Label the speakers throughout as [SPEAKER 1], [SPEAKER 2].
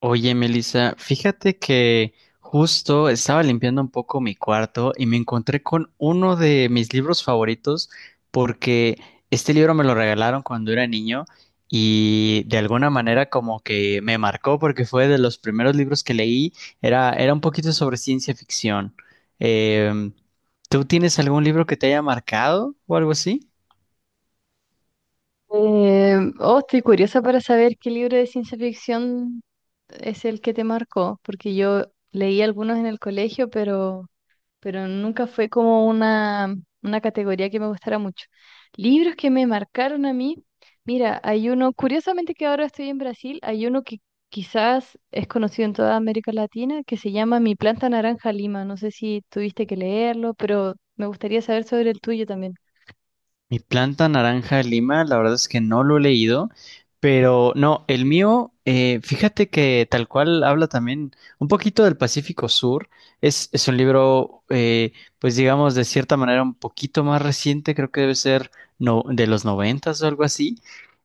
[SPEAKER 1] Oye, Melissa, fíjate que justo estaba limpiando un poco mi cuarto y me encontré con uno de mis libros favoritos porque este libro me lo regalaron cuando era niño y de alguna manera como que me marcó porque fue de los primeros libros que leí, era un poquito sobre ciencia ficción. Em, ¿Tú tienes algún libro que te haya marcado o algo así?
[SPEAKER 2] Oh, estoy curiosa para saber qué libro de ciencia ficción es el que te marcó, porque yo leí algunos en el colegio, pero nunca fue como una categoría que me gustara mucho. Libros que me marcaron a mí, mira, hay uno, curiosamente que ahora estoy en Brasil, hay uno que quizás es conocido en toda América Latina, que se llama Mi planta naranja Lima. No sé si tuviste que leerlo, pero me gustaría saber sobre el tuyo también.
[SPEAKER 1] Mi planta naranja de Lima, la verdad es que no lo he leído, pero no, el mío, fíjate que tal cual habla también un poquito del Pacífico Sur. Es un libro, pues digamos, de cierta manera un poquito más reciente, creo que debe ser no, de los 90s o algo así.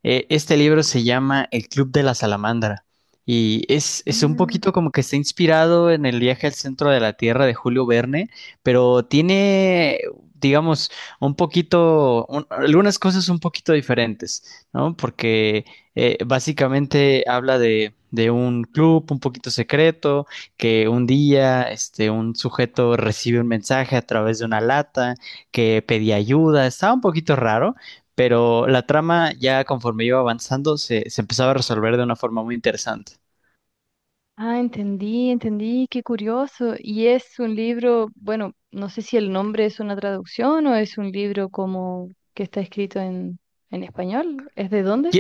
[SPEAKER 1] Este libro se llama El Club de la Salamandra y es un
[SPEAKER 2] Mm.
[SPEAKER 1] poquito como que está inspirado en el viaje al centro de la Tierra de Julio Verne, pero tiene, digamos, un poquito, algunas cosas un poquito diferentes, ¿no? Porque básicamente habla de un club un poquito secreto, que un día este, un sujeto recibe un mensaje a través de una lata, que pedía ayuda, estaba un poquito raro. Pero la trama ya conforme iba avanzando se empezaba a resolver de una forma muy interesante.
[SPEAKER 2] Ah, entendí, entendí, qué curioso. Y es un libro, bueno, no sé si el nombre es una traducción o es un libro como que está escrito en, español. ¿Es de dónde?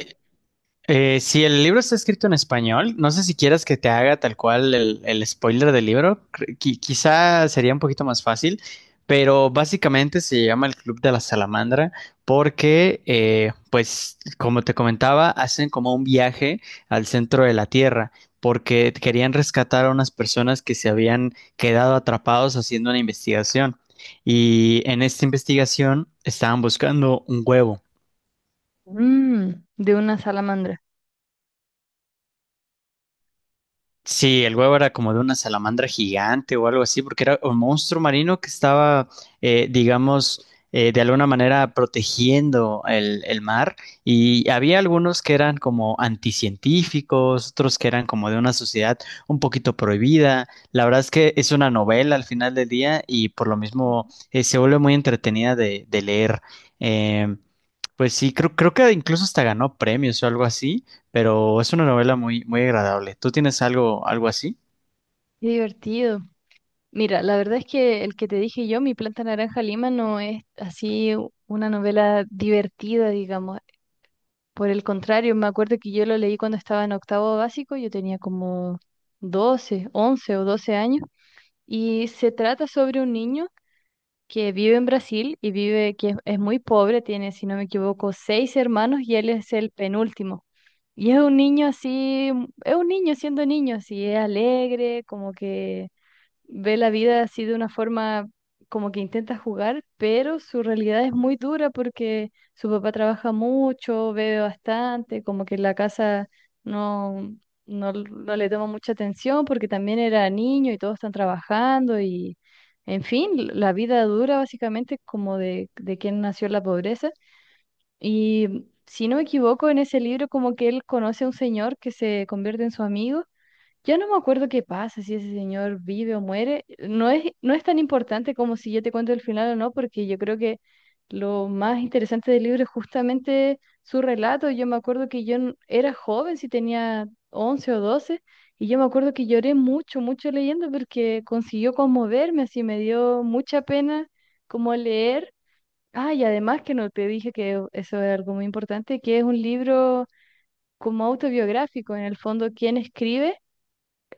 [SPEAKER 1] Si el libro está escrito en español, no sé si quieras que te haga tal cual el spoiler del libro, quizá sería un poquito más fácil, pero básicamente se llama el Club de la Salamandra porque, pues, como te comentaba, hacen como un viaje al centro de la Tierra porque querían rescatar a unas personas que se habían quedado atrapados haciendo una investigación y en esta investigación estaban buscando un huevo.
[SPEAKER 2] Mm, de una salamandra.
[SPEAKER 1] Sí, el huevo era como de una salamandra gigante o algo así, porque era un monstruo marino que estaba, digamos, de alguna manera protegiendo el mar. Y había algunos que eran como anticientíficos, otros que eran como de una sociedad un poquito prohibida. La verdad es que es una novela al final del día y por lo mismo
[SPEAKER 2] Ujú.
[SPEAKER 1] se vuelve muy entretenida de leer. Eh, pues sí, creo que incluso hasta ganó premios o algo así, pero es una novela muy, muy agradable. ¿Tú tienes algo, algo así?
[SPEAKER 2] Qué divertido. Mira, la verdad es que el que te dije yo, Mi planta naranja Lima, no es así una novela divertida, digamos. Por el contrario, me acuerdo que yo lo leí cuando estaba en octavo básico, yo tenía como 12, 11 o 12 años. Y se trata sobre un niño que vive en Brasil y vive, que es muy pobre, tiene, si no me equivoco, seis hermanos y él es el penúltimo. Y es un niño así, es un niño siendo niño, así, es alegre, como que ve la vida así de una forma como que intenta jugar, pero su realidad es muy dura porque su papá trabaja mucho, bebe bastante, como que la casa no, no le toma mucha atención porque también era niño y todos están trabajando y, en fin, la vida dura básicamente como de quien nació en la pobreza. Y si no me equivoco, en ese libro como que él conoce a un señor que se convierte en su amigo. Yo no me acuerdo qué pasa, si ese señor vive o muere. No es tan importante como si yo te cuento el final o no, porque yo creo que lo más interesante del libro es justamente su relato. Yo me acuerdo que yo era joven, si tenía 11 o 12 y yo me acuerdo que lloré mucho, mucho leyendo porque consiguió conmoverme, así me dio mucha pena como leer. Ah, y además que no te dije que eso es algo muy importante, que es un libro como autobiográfico, en el fondo, quién escribe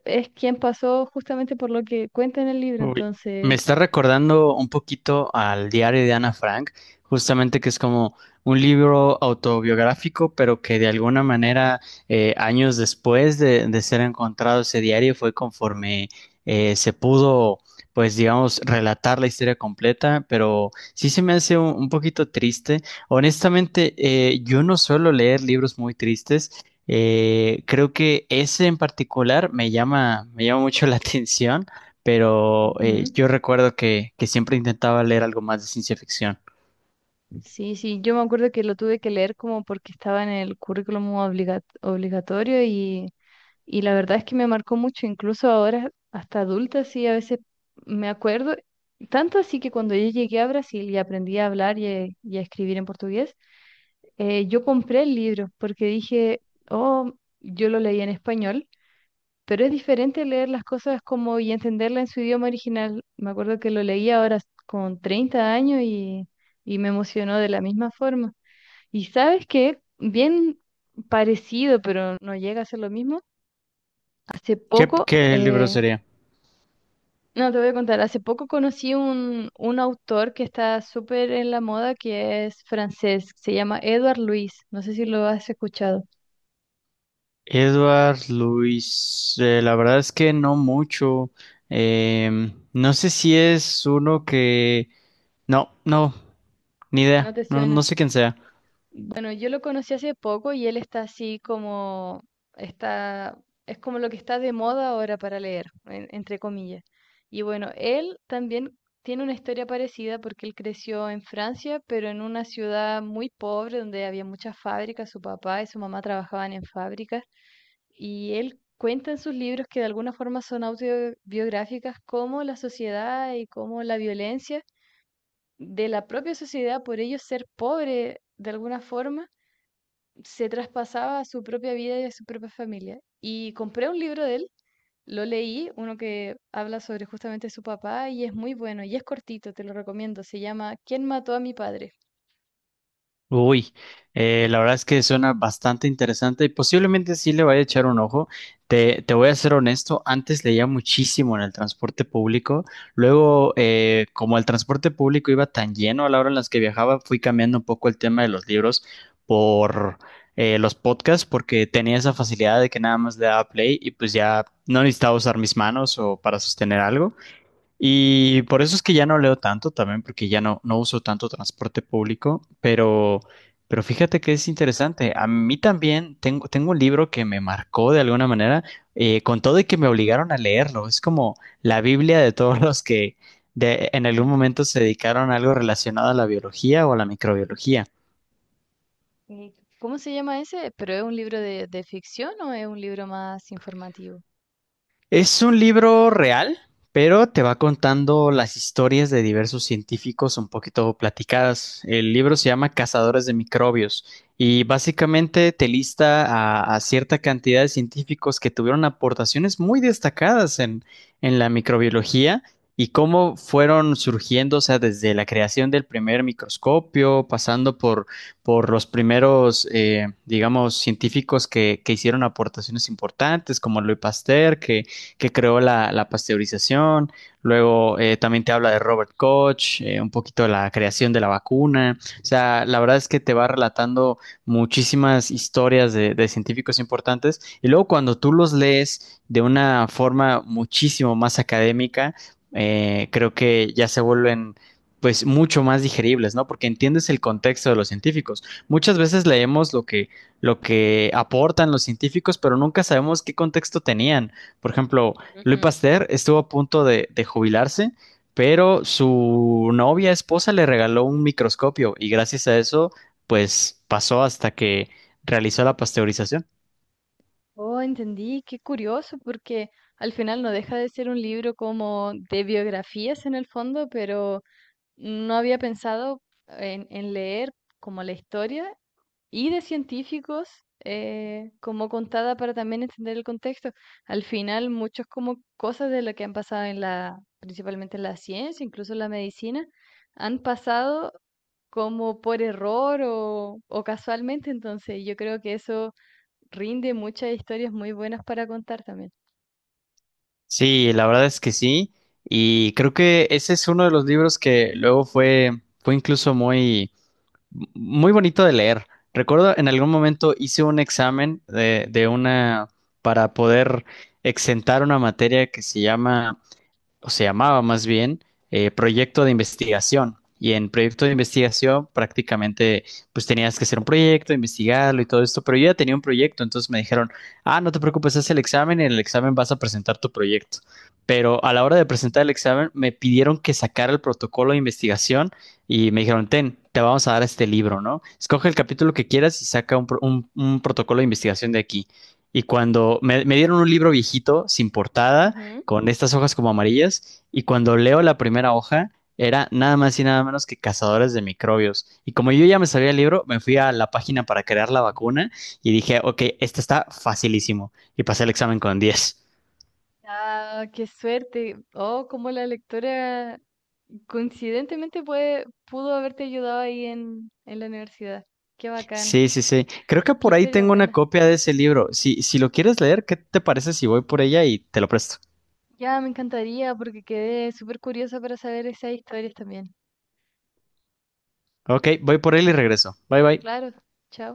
[SPEAKER 2] es quien pasó justamente por lo que cuenta en el libro,
[SPEAKER 1] Uy, me
[SPEAKER 2] entonces...
[SPEAKER 1] está recordando un poquito al diario de Ana Frank, justamente que es como un libro autobiográfico, pero que de alguna manera años después de ser encontrado ese diario fue conforme se pudo, pues digamos, relatar la historia completa, pero sí se me hace un poquito triste. Honestamente, yo no suelo leer libros muy tristes. Creo que ese en particular me llama mucho la atención, pero
[SPEAKER 2] Ujú.
[SPEAKER 1] yo recuerdo que siempre intentaba leer algo más de ciencia ficción.
[SPEAKER 2] Sí, sí, yo me acuerdo que lo tuve que leer como porque estaba en el currículum obligatorio y la verdad es que me marcó mucho, incluso ahora hasta adulta, sí, a veces me acuerdo, tanto así que cuando yo llegué a Brasil y aprendí a hablar y a escribir en portugués, yo compré el libro porque dije, oh, yo lo leí en español. Pero es diferente leer las cosas como y entenderla en su idioma original. Me acuerdo que lo leí ahora con 30 años y me emocionó de la misma forma. Y sabes que bien parecido, pero no llega a ser lo mismo. Hace poco,
[SPEAKER 1] Qué libro sería?
[SPEAKER 2] no te voy a contar, hace poco conocí un autor que está súper en la moda que es francés, se llama Edouard Louis. No sé si lo has escuchado.
[SPEAKER 1] Edward Luis, la verdad es que no mucho. No sé si es uno que... No, no, ni idea.
[SPEAKER 2] ¿No te
[SPEAKER 1] No, no
[SPEAKER 2] suena?
[SPEAKER 1] sé quién sea.
[SPEAKER 2] Bueno, yo lo conocí hace poco y él está así como, está, es como lo que está de moda ahora para leer, entre comillas. Y bueno, él también tiene una historia parecida porque él creció en Francia, pero en una ciudad muy pobre donde había muchas fábricas, su papá y su mamá trabajaban en fábricas. Y él cuenta en sus libros que de alguna forma son autobiográficas cómo la sociedad y cómo la violencia de la propia sociedad por ellos ser pobre de alguna forma se traspasaba a su propia vida y a su propia familia. Y compré un libro de él, lo leí, uno que habla sobre justamente su papá y es muy bueno y es cortito, te lo recomiendo. Se llama ¿Quién mató a mi padre?
[SPEAKER 1] Uy, la verdad es que suena bastante interesante y posiblemente sí le vaya a echar un ojo. Te voy a ser honesto, antes leía muchísimo en el transporte público. Luego, como el transporte público iba tan lleno a la hora en las que viajaba, fui cambiando un poco el tema de los libros por los podcasts porque tenía esa facilidad de que nada más le daba play y pues ya no necesitaba usar mis manos o para sostener algo. Y por eso es que ya no leo tanto también, porque ya no, no uso tanto transporte público, pero fíjate que es interesante. A mí también tengo, tengo un libro que me marcó de alguna manera, con todo y que me obligaron a leerlo. Es como la Biblia de todos los que en algún
[SPEAKER 2] Ujú.
[SPEAKER 1] momento se dedicaron a algo relacionado a la biología o a la microbiología.
[SPEAKER 2] Sí. ¿Cómo se llama ese? ¿Pero es un libro de, ficción o es un libro más informativo?
[SPEAKER 1] Es un libro real, pero te va contando las historias de diversos científicos un poquito platicadas. El libro se llama Cazadores de Microbios y básicamente te lista a cierta cantidad de científicos que tuvieron aportaciones muy destacadas en la microbiología y cómo fueron surgiendo, o sea, desde la creación del primer microscopio, pasando por los primeros, digamos, científicos que hicieron aportaciones importantes, como Louis Pasteur, que creó la, la pasteurización. Luego también te habla de Robert Koch, un poquito de la creación de la vacuna. O sea, la verdad es que te va relatando muchísimas historias de científicos importantes. Y luego cuando tú los lees de una forma muchísimo más académica, creo que ya se vuelven pues mucho más digeribles, ¿no? Porque entiendes el contexto de los científicos. Muchas veces leemos lo que aportan los científicos, pero nunca sabemos qué contexto tenían. Por ejemplo, Louis
[SPEAKER 2] Ujú.
[SPEAKER 1] Pasteur estuvo a punto de jubilarse, pero su novia, esposa, le regaló un microscopio y gracias a eso, pues pasó hasta que realizó la pasteurización.
[SPEAKER 2] Oh, entendí, qué curioso, porque al final no deja de ser un libro como de biografías en el fondo, pero no había pensado en leer como la historia y de científicos, como contada para también entender el contexto. Al final, muchas como cosas de lo que han pasado en la, principalmente en la ciencia, incluso en la medicina, han pasado como por error o casualmente. Entonces, yo creo que eso rinde muchas historias muy buenas para contar también.
[SPEAKER 1] Sí, la verdad es que sí. Y creo que ese es uno de los libros que luego fue, fue incluso muy, muy bonito de leer. Recuerdo en algún momento hice un examen de una para poder exentar una materia que se llama o se llamaba más bien, proyecto de investigación. Y en proyecto de investigación prácticamente pues tenías que hacer un proyecto, investigarlo y todo esto, pero yo ya tenía un proyecto, entonces me dijeron, ah, no te preocupes, haz el examen y en el examen vas a presentar tu proyecto. Pero a la hora de presentar el examen me pidieron que sacara el protocolo de investigación y me dijeron, ten, te vamos a dar este libro, ¿no? Escoge el capítulo que quieras y saca un, un protocolo de investigación de aquí. Y cuando me dieron un libro viejito, sin portada,
[SPEAKER 2] Ujú.
[SPEAKER 1] con estas hojas como amarillas, y cuando leo la primera hoja era nada más y nada menos que Cazadores de Microbios. Y como yo ya me sabía el libro, me fui a la página para crear la vacuna y dije, ok, este está facilísimo y pasé el examen con 10.
[SPEAKER 2] Ah, qué suerte. Oh, como la lectora coincidentemente puede, pudo haberte ayudado ahí en, la universidad. Qué bacán.
[SPEAKER 1] Sí, sí, sí. Creo que
[SPEAKER 2] Qué
[SPEAKER 1] por ahí
[SPEAKER 2] historia
[SPEAKER 1] tengo una
[SPEAKER 2] buena.
[SPEAKER 1] copia de ese libro. Si, si lo quieres leer, ¿qué te parece si voy por ella y te lo presto?
[SPEAKER 2] Ya me encantaría porque quedé súper curiosa para saber esas historias también.
[SPEAKER 1] Ok, voy por él y regreso. Bye, bye.
[SPEAKER 2] Claro, chao.